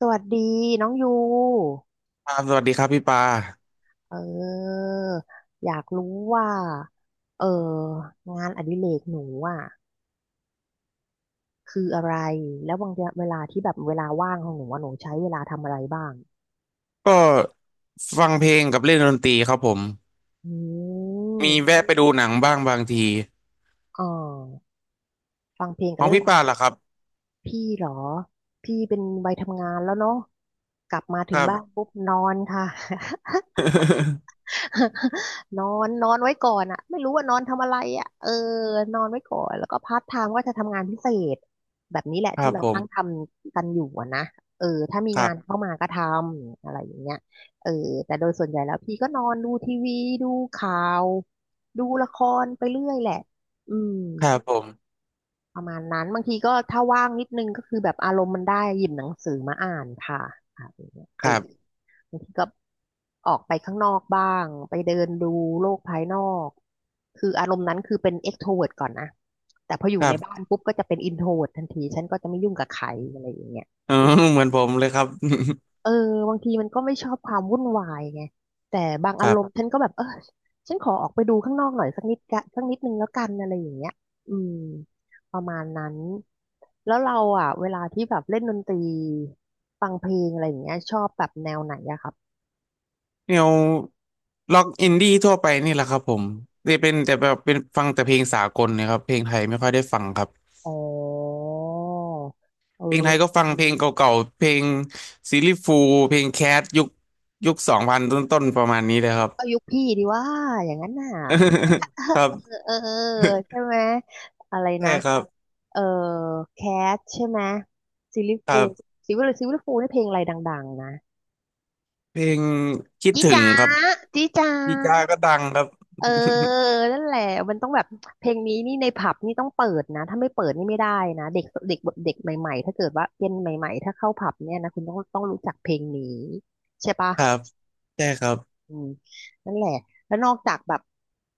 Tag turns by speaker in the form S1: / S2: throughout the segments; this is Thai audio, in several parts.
S1: สวัสดีน้องยู
S2: ครับสวัสดีครับพี่ปา
S1: ออยากรู้ว่าเอองานอดิเรกหนูอ่ะคืออะไรแล้วบางทีเวลาที่แบบเวลาว่างของหนูว่าหนูใช้เวลาทำอะไรบ้าง
S2: ก็ฟังเพลงกับเล่นดนตรีครับผม
S1: อื
S2: มี
S1: ม
S2: แวะไปดูหนังบ้างบางที
S1: อ๋อฟังเพลง
S2: ข
S1: กับ
S2: อง
S1: เล่นด
S2: พี่
S1: นต
S2: ปา
S1: รี
S2: ล่ะครับ
S1: พี่เหรอพี่เป็นวัยทำงานแล้วเนาะกลับมา
S2: ค
S1: ถึง
S2: รับ
S1: บ้านปุ๊บนอนค่ะ นอนนอนไว้ก่อนอะไม่รู้ว่านอนทำอะไรอะเออนอนไว้ก่อนแล้วก็พาร์ทไทม์ก็จะทำงานพิเศษแบบนี้แหละ
S2: ครั
S1: ที่
S2: บ
S1: เรา
S2: ผ
S1: นั่งท
S2: ม
S1: ำกันอยู่อะนะเออถ้ามี
S2: ครั
S1: งาน
S2: บ
S1: เข้ามาก็ทำอะไรอย่างเงี้ยเออแต่โดยส่วนใหญ่แล้วพี่ก็นอนดูทีวีดูข่าวดูละครไปเรื่อยแหละอืม
S2: ครับผม
S1: ประมาณนั้นบางทีก็ถ้าว่างนิดนึงก็คือแบบอารมณ์มันได้หยิบหนังสือมาอ่านค่ะอะไรอย่างเงี้ย
S2: ค
S1: เอ
S2: รั
S1: อ
S2: บ
S1: บางทีก็ออกไปข้างนอกบ้างไปเดินดูโลกภายนอกคืออารมณ์นั้นคือเป็น e x t r วิ e ์ t ก่อนนะแต่พออ
S2: ค
S1: ยู่
S2: รั
S1: ในบ้า
S2: บ
S1: นปุ๊บก็จะเป็น i n t เวิ e ์ t ทันทีฉันก็จะไม่ยุ่งกับใครอะไรอย่างเงี้ย
S2: เออเหมือนผมเลยครับ
S1: เออบางทีมันก็ไม่ชอบความวุ่นวายไงแต่บาง
S2: ค
S1: อา
S2: รั
S1: รมณ์
S2: บ
S1: ฉันก็แบบเออฉันขอออกไปดูข้างนอกหน่อยสักนิดกะสักนิดนึงแล้วกันอะไรอย่างเงี้ยอืมประมาณนั้นแล้วเราอ่ะเวลาที่แบบเล่นดนตรีฟังเพลงอะไรอย่างเงี้ยชอบแบบแนวไหนอะคะ
S2: แนวล็อกอินดี้ทั่วไปนี่แหละครับผมจะเป็นแต่แบบเป็นฟังแต่เพลงสากลเนะครับเพลงไทยไม่ค่อยได้ฟังครับ
S1: อ๋อ
S2: เพลงไทยก็
S1: เออ
S2: ฟังเพลงเก่าๆเพลงซีรีส์ฟูลเพลงแคทยุคยุคสองพันต้นๆประมาณนี้เลยครับ
S1: ก็ยุคพี่ดีว่าอย่างนั้นน่ะ
S2: ครับ
S1: เออ ใช่ไหมอะไร
S2: ใช่
S1: นะ
S2: ครับ
S1: เออแคทใช่ไหมซิลลี่
S2: ค
S1: ฟู
S2: รั
S1: ล
S2: บ
S1: ซิลลี่ฟูลนี่เพลงอะไรดังๆนะ
S2: เพลงคิด
S1: จี
S2: ถึง
S1: จ๋า
S2: ครับ
S1: จีจ๋า
S2: ดีจ้าก็ดังครับ
S1: เออ นั่นแหละมันต้องแบบเพลงนี้นี่ในผับนี่ต้องเปิดนะถ้าไม่เปิดนี่ไม่ได้นะเด็กเด็กเด็กใหม่ๆถ้าเกิดว่าเป็นใหม่ๆถ้าเข้าผับเนี่ยนะคุณต้องรู้จักเพลงนี้ใช่ปะ
S2: ครับใช่ครับ
S1: อืมนั่นแหละ แล้วนอกจากแบบ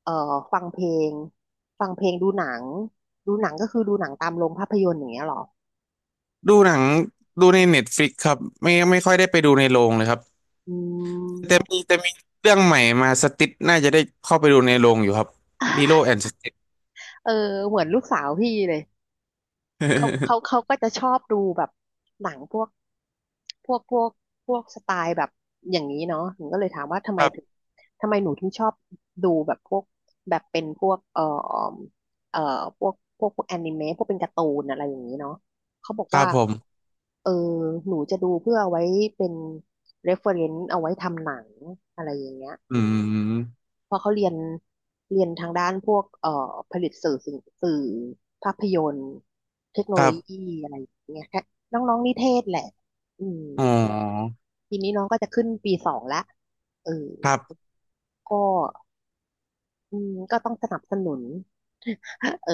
S1: เอ่อฟังเพลง ฟังเพลงดูหนัง ดูหนังก็คือดูหนังตามโรงภาพยนตร์อย่างเงี้ยเหรอ
S2: ดูหนังดูในเน็ตฟลิกครับไม่ไม่ค่อยได้ไปดูในโรงเลยครับ
S1: อื
S2: แต่มี
S1: ม
S2: แต่มีเรื่องใหม่มาสติดน่าจะได้เข้าไปดูในโรงอยู่ครับลีโลแอนด์สติด
S1: เออเหมือนลูกสาวพี่เลย เขา ก็จะชอบดูแบบหนังพวกพวกสไตล์แบบอย่างนี้เนาะหนูก็เลยถามว่าทำไม
S2: ครั
S1: ถึง
S2: บ
S1: ทำไมหนูถึงชอบดูแบบพวกแบบเป็นพวกเอ่อพวกแอนิเมะพวกเป็นการ์ตูนอะไรอย่างนี้เนาะเขาบอก
S2: ครั
S1: ว่า
S2: บผม
S1: เออหนูจะดูเพื่อเอาไว้เป็น reference เอาไว้ทำหนังอะไรอย่างเงี้ย
S2: อืม
S1: เพราะเขาเรียนเรียนทางด้านพวกผลิตสื่อสิ่งสื่อภาพยนตร์เทคโน
S2: ค
S1: โล
S2: รั
S1: ยี
S2: บ
S1: อะไรอย่างเงี้ยแค่น้องๆนิเทศแหละอืม
S2: อ๋อ
S1: ทีนี้น้องก็จะขึ้นปีสองละเออ
S2: ครับ
S1: ก็ อืมก็ต้องสนับสนุน เออ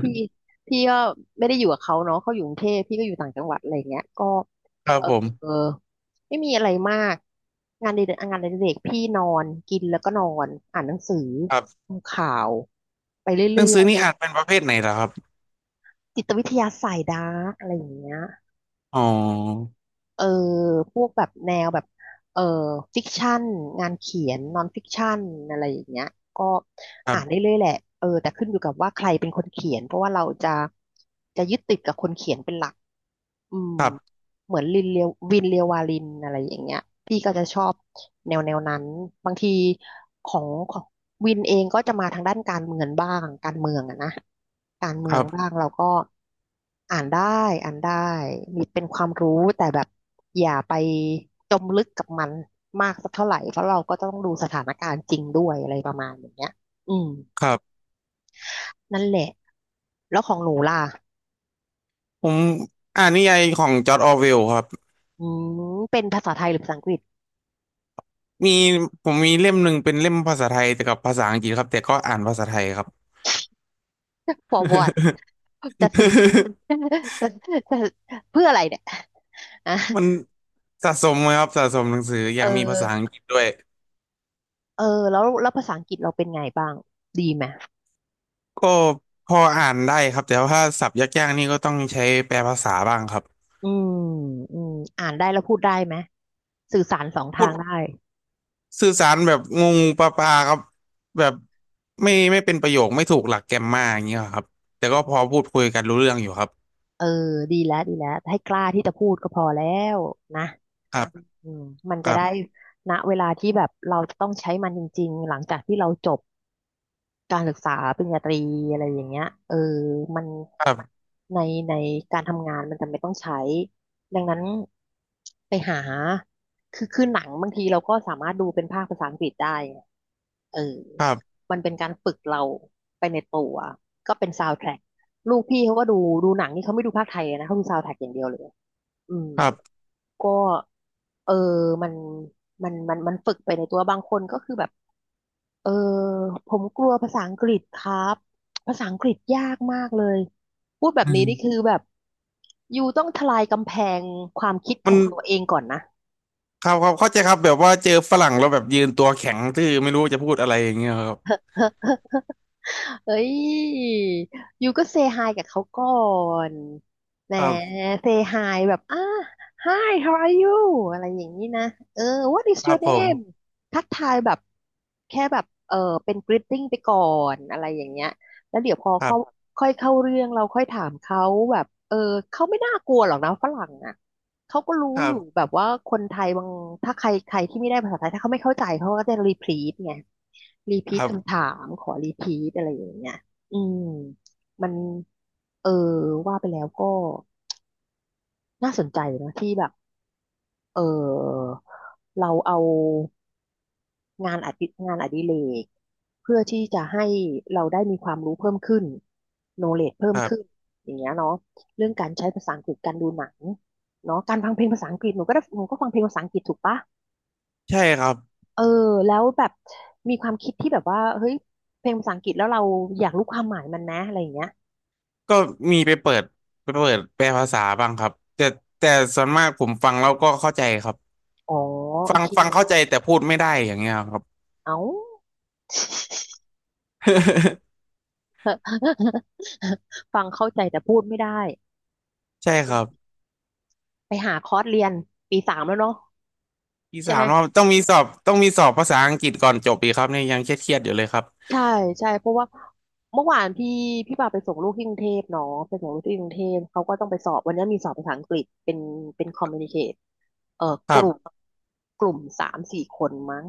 S1: พี่ พี่ก็ไม่ได้อยู่กับเขาเนาะเขาอยู่กรุงเทพพี่ก็อยู่ต่างจังหวัดอะไรเงี้ยก็
S2: ครับ
S1: เออ
S2: ผม
S1: ไม่มีอะไรมากงานเด็กงานเด็กพี่นอนกินแล้วก็นอนอ่านหนังสือ
S2: ครับ
S1: ดูข่าว ไปเร
S2: หนั
S1: ื่
S2: ง
S1: อ
S2: สือ
S1: ย
S2: นี่อ่านเป็นประเภทไหนเหรอครับ
S1: ๆ จิตวิทยาสายดาร์กอะไรอย่างเงี้ย
S2: อ๋อ
S1: เออ พวกแบบแนวแบบเออฟิกชันงานเขียนนอนฟิกชันอะไรอย่างเงี้ยก็
S2: ครั
S1: อ่านได้
S2: บ
S1: เรื่อยแหละเออแต่ขึ้นอยู่กับว่าใครเป็นคนเขียนเพราะว่าเราจะยึดติดกับคนเขียนเป็นหลักอืม
S2: ครับ
S1: เหมือนลินเลียววินเลียววาลินอะไรอย่างเงี้ยพี่ก็จะชอบแนวนั้นบางทีของวินเองก็จะมาทางด้านการเมืองบ้างการเมืองอะนะการเมื
S2: ค
S1: อ
S2: รั
S1: งบ้า
S2: บ
S1: งเราก็ อ่านได้ อ่านได้ มีเป็นความรู้แต่แบบอย่าไปจมลึกกับมันมากสักเท่าไหร่เพราะเราก็ต้องดูสถานการณ์จริงด้วยอะไรประมาณอย่างเงี้ยอืม
S2: ครับ
S1: นั่นแหละ แล้วของหนูล่ะ
S2: ผมอ่านนิยายของจอร์จออร์เวลครับ
S1: อืมเป็นภาษาไทยหรือภาษาอังกฤษ
S2: มีผมมีเล่มหนึ่งเป็นเล่มภาษาไทยแต่กับภาษาอังกฤษครับแต่ก็อ่านภาษาไทยครับ
S1: for what จะ ซื้อ จะจะเพื่ออะไรเนี่ยอ่ะ
S2: มันสะสมเลยครับสะสมหนังสืออ
S1: เออ
S2: ยากมีภาษาอังกฤษด้วย
S1: เออแล้วภาษาอังกฤษเราเป็นไงบ้าง ดีไหม
S2: ก็พออ่านได้ครับแต่ว่าศัพท์ยากๆนี่ก็ต้องใช้แปลภาษาบ้างครับ
S1: อืมอืมอ่านได้แล้วพูดได้ไหม สื่อสารสอง
S2: พู
S1: ทางได้
S2: ดสื่อสารแบบงงปลาปลาๆครับแบบไม่ไม่เป็นประโยคไม่ถูกหลักแกรมมาอย่างเงี้ยครับแต่ก็พอพูดคุยกันรู้เรื่องอยู่ครับ
S1: เออดีแล้ว ให้กล้าที่จะพูดก็พอแล้วนะ
S2: ครับ
S1: อืมมัน
S2: ค
S1: จะ
S2: รับ
S1: ได้ณเวลาที่แบบเราจะต้องใช้มันจริงๆ หลังจากที่เราจบการศึกษาปริญญาตรีอะไรอย่างเงี้ยเออมัน
S2: ครับ
S1: ในในการทำงานมันจะไม่ต้องใช้ดังนั้นไปหาคือหนังบางทีเราก็สามารถดูเป็นภาคภาษาอังกฤษได้ไงเออ
S2: ครับ
S1: มันเป็นการฝึกเราไปในตัวก็เป็นซาวด์แทร็กลูกพี่เขาก็ดูดูหนังนี่เขาไม่ดูภาคไทยนะเขาดูซาวด์แทร็กอย่างเดียวเลย อืม
S2: ครั
S1: ก็เออมันฝึกไปในตัวบางคนก็คือแบบเออผมกลัวภาษาอังกฤษครับ ภาษาอังกฤษยากมากเลย พูดแบบนี้นี่
S2: บ
S1: คือแบบอยู่ต้องทลายกำแพงความคิดข
S2: มัน
S1: องตัวเองก่อนนะ
S2: ครับครับเข้าใจครับแบบว่าเจอฝรั่งแล้วแบบยืนตัวแข็งทื่อไม่รู้จะพูดอะไรอย่างเงี้ยครับ
S1: เอ้ย ยูก็เซฮายกับเขาก่อนแหม
S2: ครับ
S1: เซฮายแบบHi how are you อะไรอย่างนี้นะเออ what is
S2: ครับ
S1: your
S2: ผม
S1: name ทักทายแบบแค่แบบเป็น greeting ไปก่อนอะไรอย่างเงี้ยแล้วเดี๋ยวพอ
S2: ครั
S1: เขา
S2: บ
S1: ค่อยเข้าเรื่องเราค่อยถามเขาแบบเขาไม่น่ากลัวหรอกนะฝรั่งอ่ะ เขาก็รู้
S2: ครั
S1: อยู่
S2: บ
S1: แบบว่าคนไทยบางถ้าใครใครที่ไม่ได้ภาษาไทยถ้าเขาไม่เข้าใจเขาก็จะรีพีทไงรีพี
S2: ค
S1: ท
S2: รับ
S1: คำถาม ขอรีพีทอะไรอย่างเงี้ยอืมมันเออว่าไปแล้วก็น่าสนใจนะที่แบบเออเราเอางานอดิเรกเพื่อที่จะให้เราได้มีความรู้เพิ่มขึ้นโนเล e เพิ่
S2: ค
S1: ม
S2: รั
S1: ขึ้น
S2: บ
S1: อย่างเงี้ยเนาะเรื่องการใช้ภาษาอังกฤษการดูหนังเนาะการฟังเพลงภาษาอังกฤษหนูก็ได้หนูก็ฟังเพลงภาษาอังกฤษถูกปะ
S2: ใช่ครับ
S1: เออแล้วแบบมีความคิดที่แบบว่าเฮ้ยเพลงภาษาอังกฤษแล้วเราอยากรู้ความหมายมันนะอะไรอย่างเงี้ย
S2: ก็มีไปเปิดแปลภาษาบ้างครับแต่ส่วนมากผมฟังแล้วก็เข้าใจครับ
S1: อ๋อโอ
S2: ฟัง
S1: เค
S2: ฟังเข้าใจแต่พูดไม่ได้อย่างเงี้ยครับ
S1: เอา ฟังเข้าใจแต่พูดไม่ได้
S2: ใช่
S1: เอ
S2: ครับ
S1: อไปหาคอร์สเรียนปีสามแล้วเนาะ
S2: อี
S1: ใช่
S2: สา
S1: ไหม
S2: มรอบต้องมีสอบภาษาอังกฤษก่อนจบอีกครับเนี่ยยังเครียดๆอยู่เลยครับ
S1: ใช่ใช่เพราะว่าเมื่อวานพี่ปาไปส่งลูกที่กรุงเทพเนาะไปส่งลูกที่กรุงเทพเขาก็ต้องไปสอบวันนี้มีสอบภาษาอังกฤษเป็นเป็นคอมมูนิเคตเอ่อ
S2: คร
S1: กลุ่ม
S2: ับ
S1: กลุ่มสามสี่คนมั้ง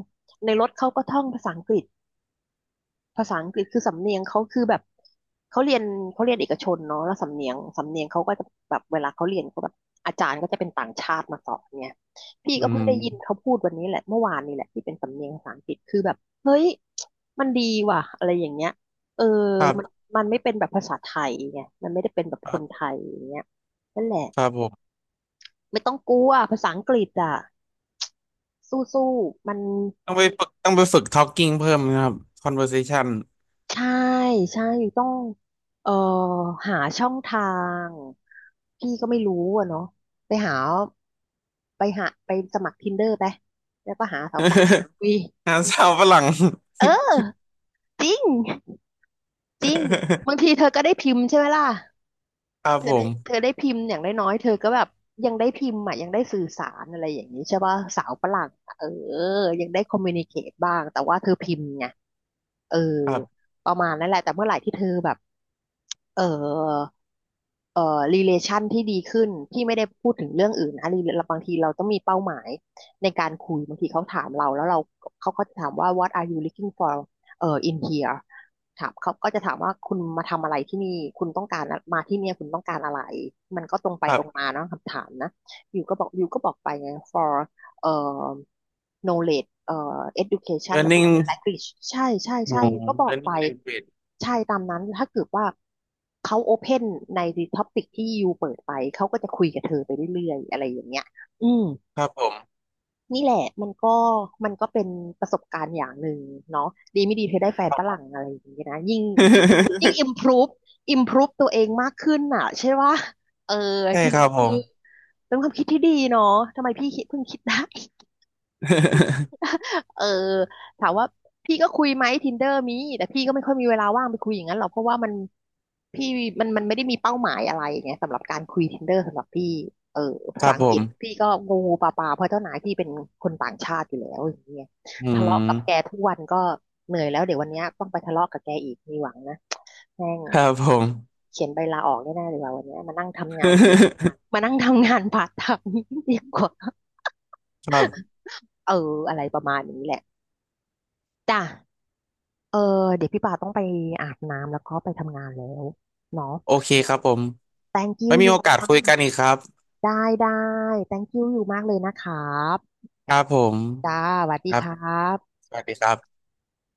S1: ในรถเขาก็ท่องภาษาอังกฤษ ภาษาอังกฤษคือสำเนียงเขาคือแบบเขาเรียนเขาเรียนเอกชนเนาะแล้วสำเนียงเขาก็จะแบบเวลาเขาเรียนก็แบบอาจารย์ก็จะเป็นต่างชาติมาสอนเนี่ยพี่
S2: อื
S1: ก็เพิ่งได้ยิน
S2: ม
S1: เขาพูดวันนี้แหละเมื่อวานนี่แหละที่เป็นสำเนียงภาษาอังกฤษคือแบบเฮ้ยมันดีว่ะอะไรอย่างเงี้ยเออ
S2: ครั
S1: มัน
S2: บ
S1: มันไม่เป็นแบบภาษาไทยไงมันไม่ได้เป็นแบบ
S2: ค
S1: ค
S2: รั
S1: นไท
S2: บ
S1: ยอย่างเงี้ยนั่นแหละ
S2: ครับผม
S1: ไม่ต้องกลัวภาษาอังกฤษอ่ะสู้ๆมัน
S2: ต้องไปฝึก talking เพิ่มนะครับ conversation
S1: ใช่ใช่ต้องเอ่อหาช่องทางพี่ก็ไม่รู้อะเนาะไปหาไปหาไปสมัคร Tinder ไปแล้วก็หาสาวๆคุย
S2: งานสาวฝรั่ง
S1: เออจริงจริงบางที เธอก็ได้พิมพ์ใช่ไหมล่ะ
S2: ครับผ
S1: เธอ
S2: ม
S1: ได้พิมพ์อย่างน้อยๆเธอก็แบบยังได้พิมพ์อ่ะยังได้สื่อสารอะไรอย่างนี้ใช่ป่ะสาวฝรั่งอะเออยังได้คอมมิวนิเคตบ้างแต่ว่าเธอพิมพ์ไงเออ
S2: ครับ
S1: ประมาณนั้นแหละแต่เมื่อไหร่ที่เธอแบบเออเอ่อ relation ที่ดีขึ้นที่ไม่ได้พูดถึงเรื่องอื่นนะ บางทีเราต้องมีเป้าหมายในการคุยบางทีเขาถามเราแล้วเขาก็จะถามว่า what are you looking for in here ถามเขาก็จะถามว่าคุณมาทำอะไรที่นี่ คุณต้องการอะมาที่เนี่ยคุณต้องการอะไร มันก็ตรงไป
S2: ครั
S1: ต
S2: บ
S1: รงมาเนาะคำถามนะอยู่ก็บอกไปไง for เอ่อ knowledge education about the
S2: learning
S1: language ใช่ใช่
S2: อ๋อ
S1: ใช่อยู่ก็บอกไป
S2: learning language
S1: ใช่ตามนั้นถ้าเกิดว่าเขาโอเพนใน topic ที่อยู่เปิดไป เขาก็จะคุยกับเธอไปเรื่อยๆ อะไรอย่างเงี้ยอืม
S2: ครับผม
S1: นี่แหละมันก็มันก็เป็นประสบการณ์อย่างหนึ่งเนาะดีไม่ดีเธอได้แฟนฝรั่งอะไรอย่างนี้ยนะยิ่ง improve improve ตัวเองมากขึ้นอ่ะใช่ว่าเออ
S2: ใช่
S1: ที
S2: ค
S1: นี้
S2: รับผ
S1: คือ
S2: ม
S1: เป็นความคิดที่ดีเนาะทำไมพี่เพิ่งคิดได้ เออถามว่าพี่ก็คุยไหม Tinder มีแต่พี่ก็ไม่ค่อยมีเวลาว่างไปคุยอย่างนั้นหรอกเพราะว่ามันพี่มันไม่ได้มีเป้าหมายอะไรไงสำหรับการคุย Tinder สำหรับพี่เออ
S2: ค
S1: ภา
S2: รั
S1: ษา
S2: บ
S1: อั
S2: ผ
S1: งกฤษ
S2: ม
S1: พี่ก็งูปลาเพราะเจ้านายพี่เป็นคนต่างชาติอยู่แล้วอย่างเงี้ย
S2: อื
S1: ทะเลาะกับแก
S2: ม
S1: ทุกวันก็เหนื่อยแล้วเดี๋ยววันเนี้ยต้องไปทะเลาะกับแกอีกมีหวังนะแม่ง
S2: ครับผม
S1: เขียนใบลาออกแน่ๆเลยว่าวันเนี้ยมานั่งทำงานพาร์ทไทม์ดีกว่า
S2: ครับ
S1: เอออะไรประมาณนี้แหละจ้ะ เออเดี๋ยวพี่ป่าต้องไปอาบน้ำแล้วก็ไปทำงานแล้วเนาะ
S2: โอเคครับผม
S1: thank you
S2: ไม่
S1: อ
S2: มี
S1: ยู่
S2: โอกาส
S1: มา
S2: คุยกั
S1: ก
S2: นอีกครับ
S1: ได้ได้ thank you อยู่มากเลยนะครับ
S2: ครับผม
S1: จ้าสวัส
S2: ค
S1: ดี
S2: รั
S1: ค
S2: บ
S1: รับ
S2: สวัสดีครับ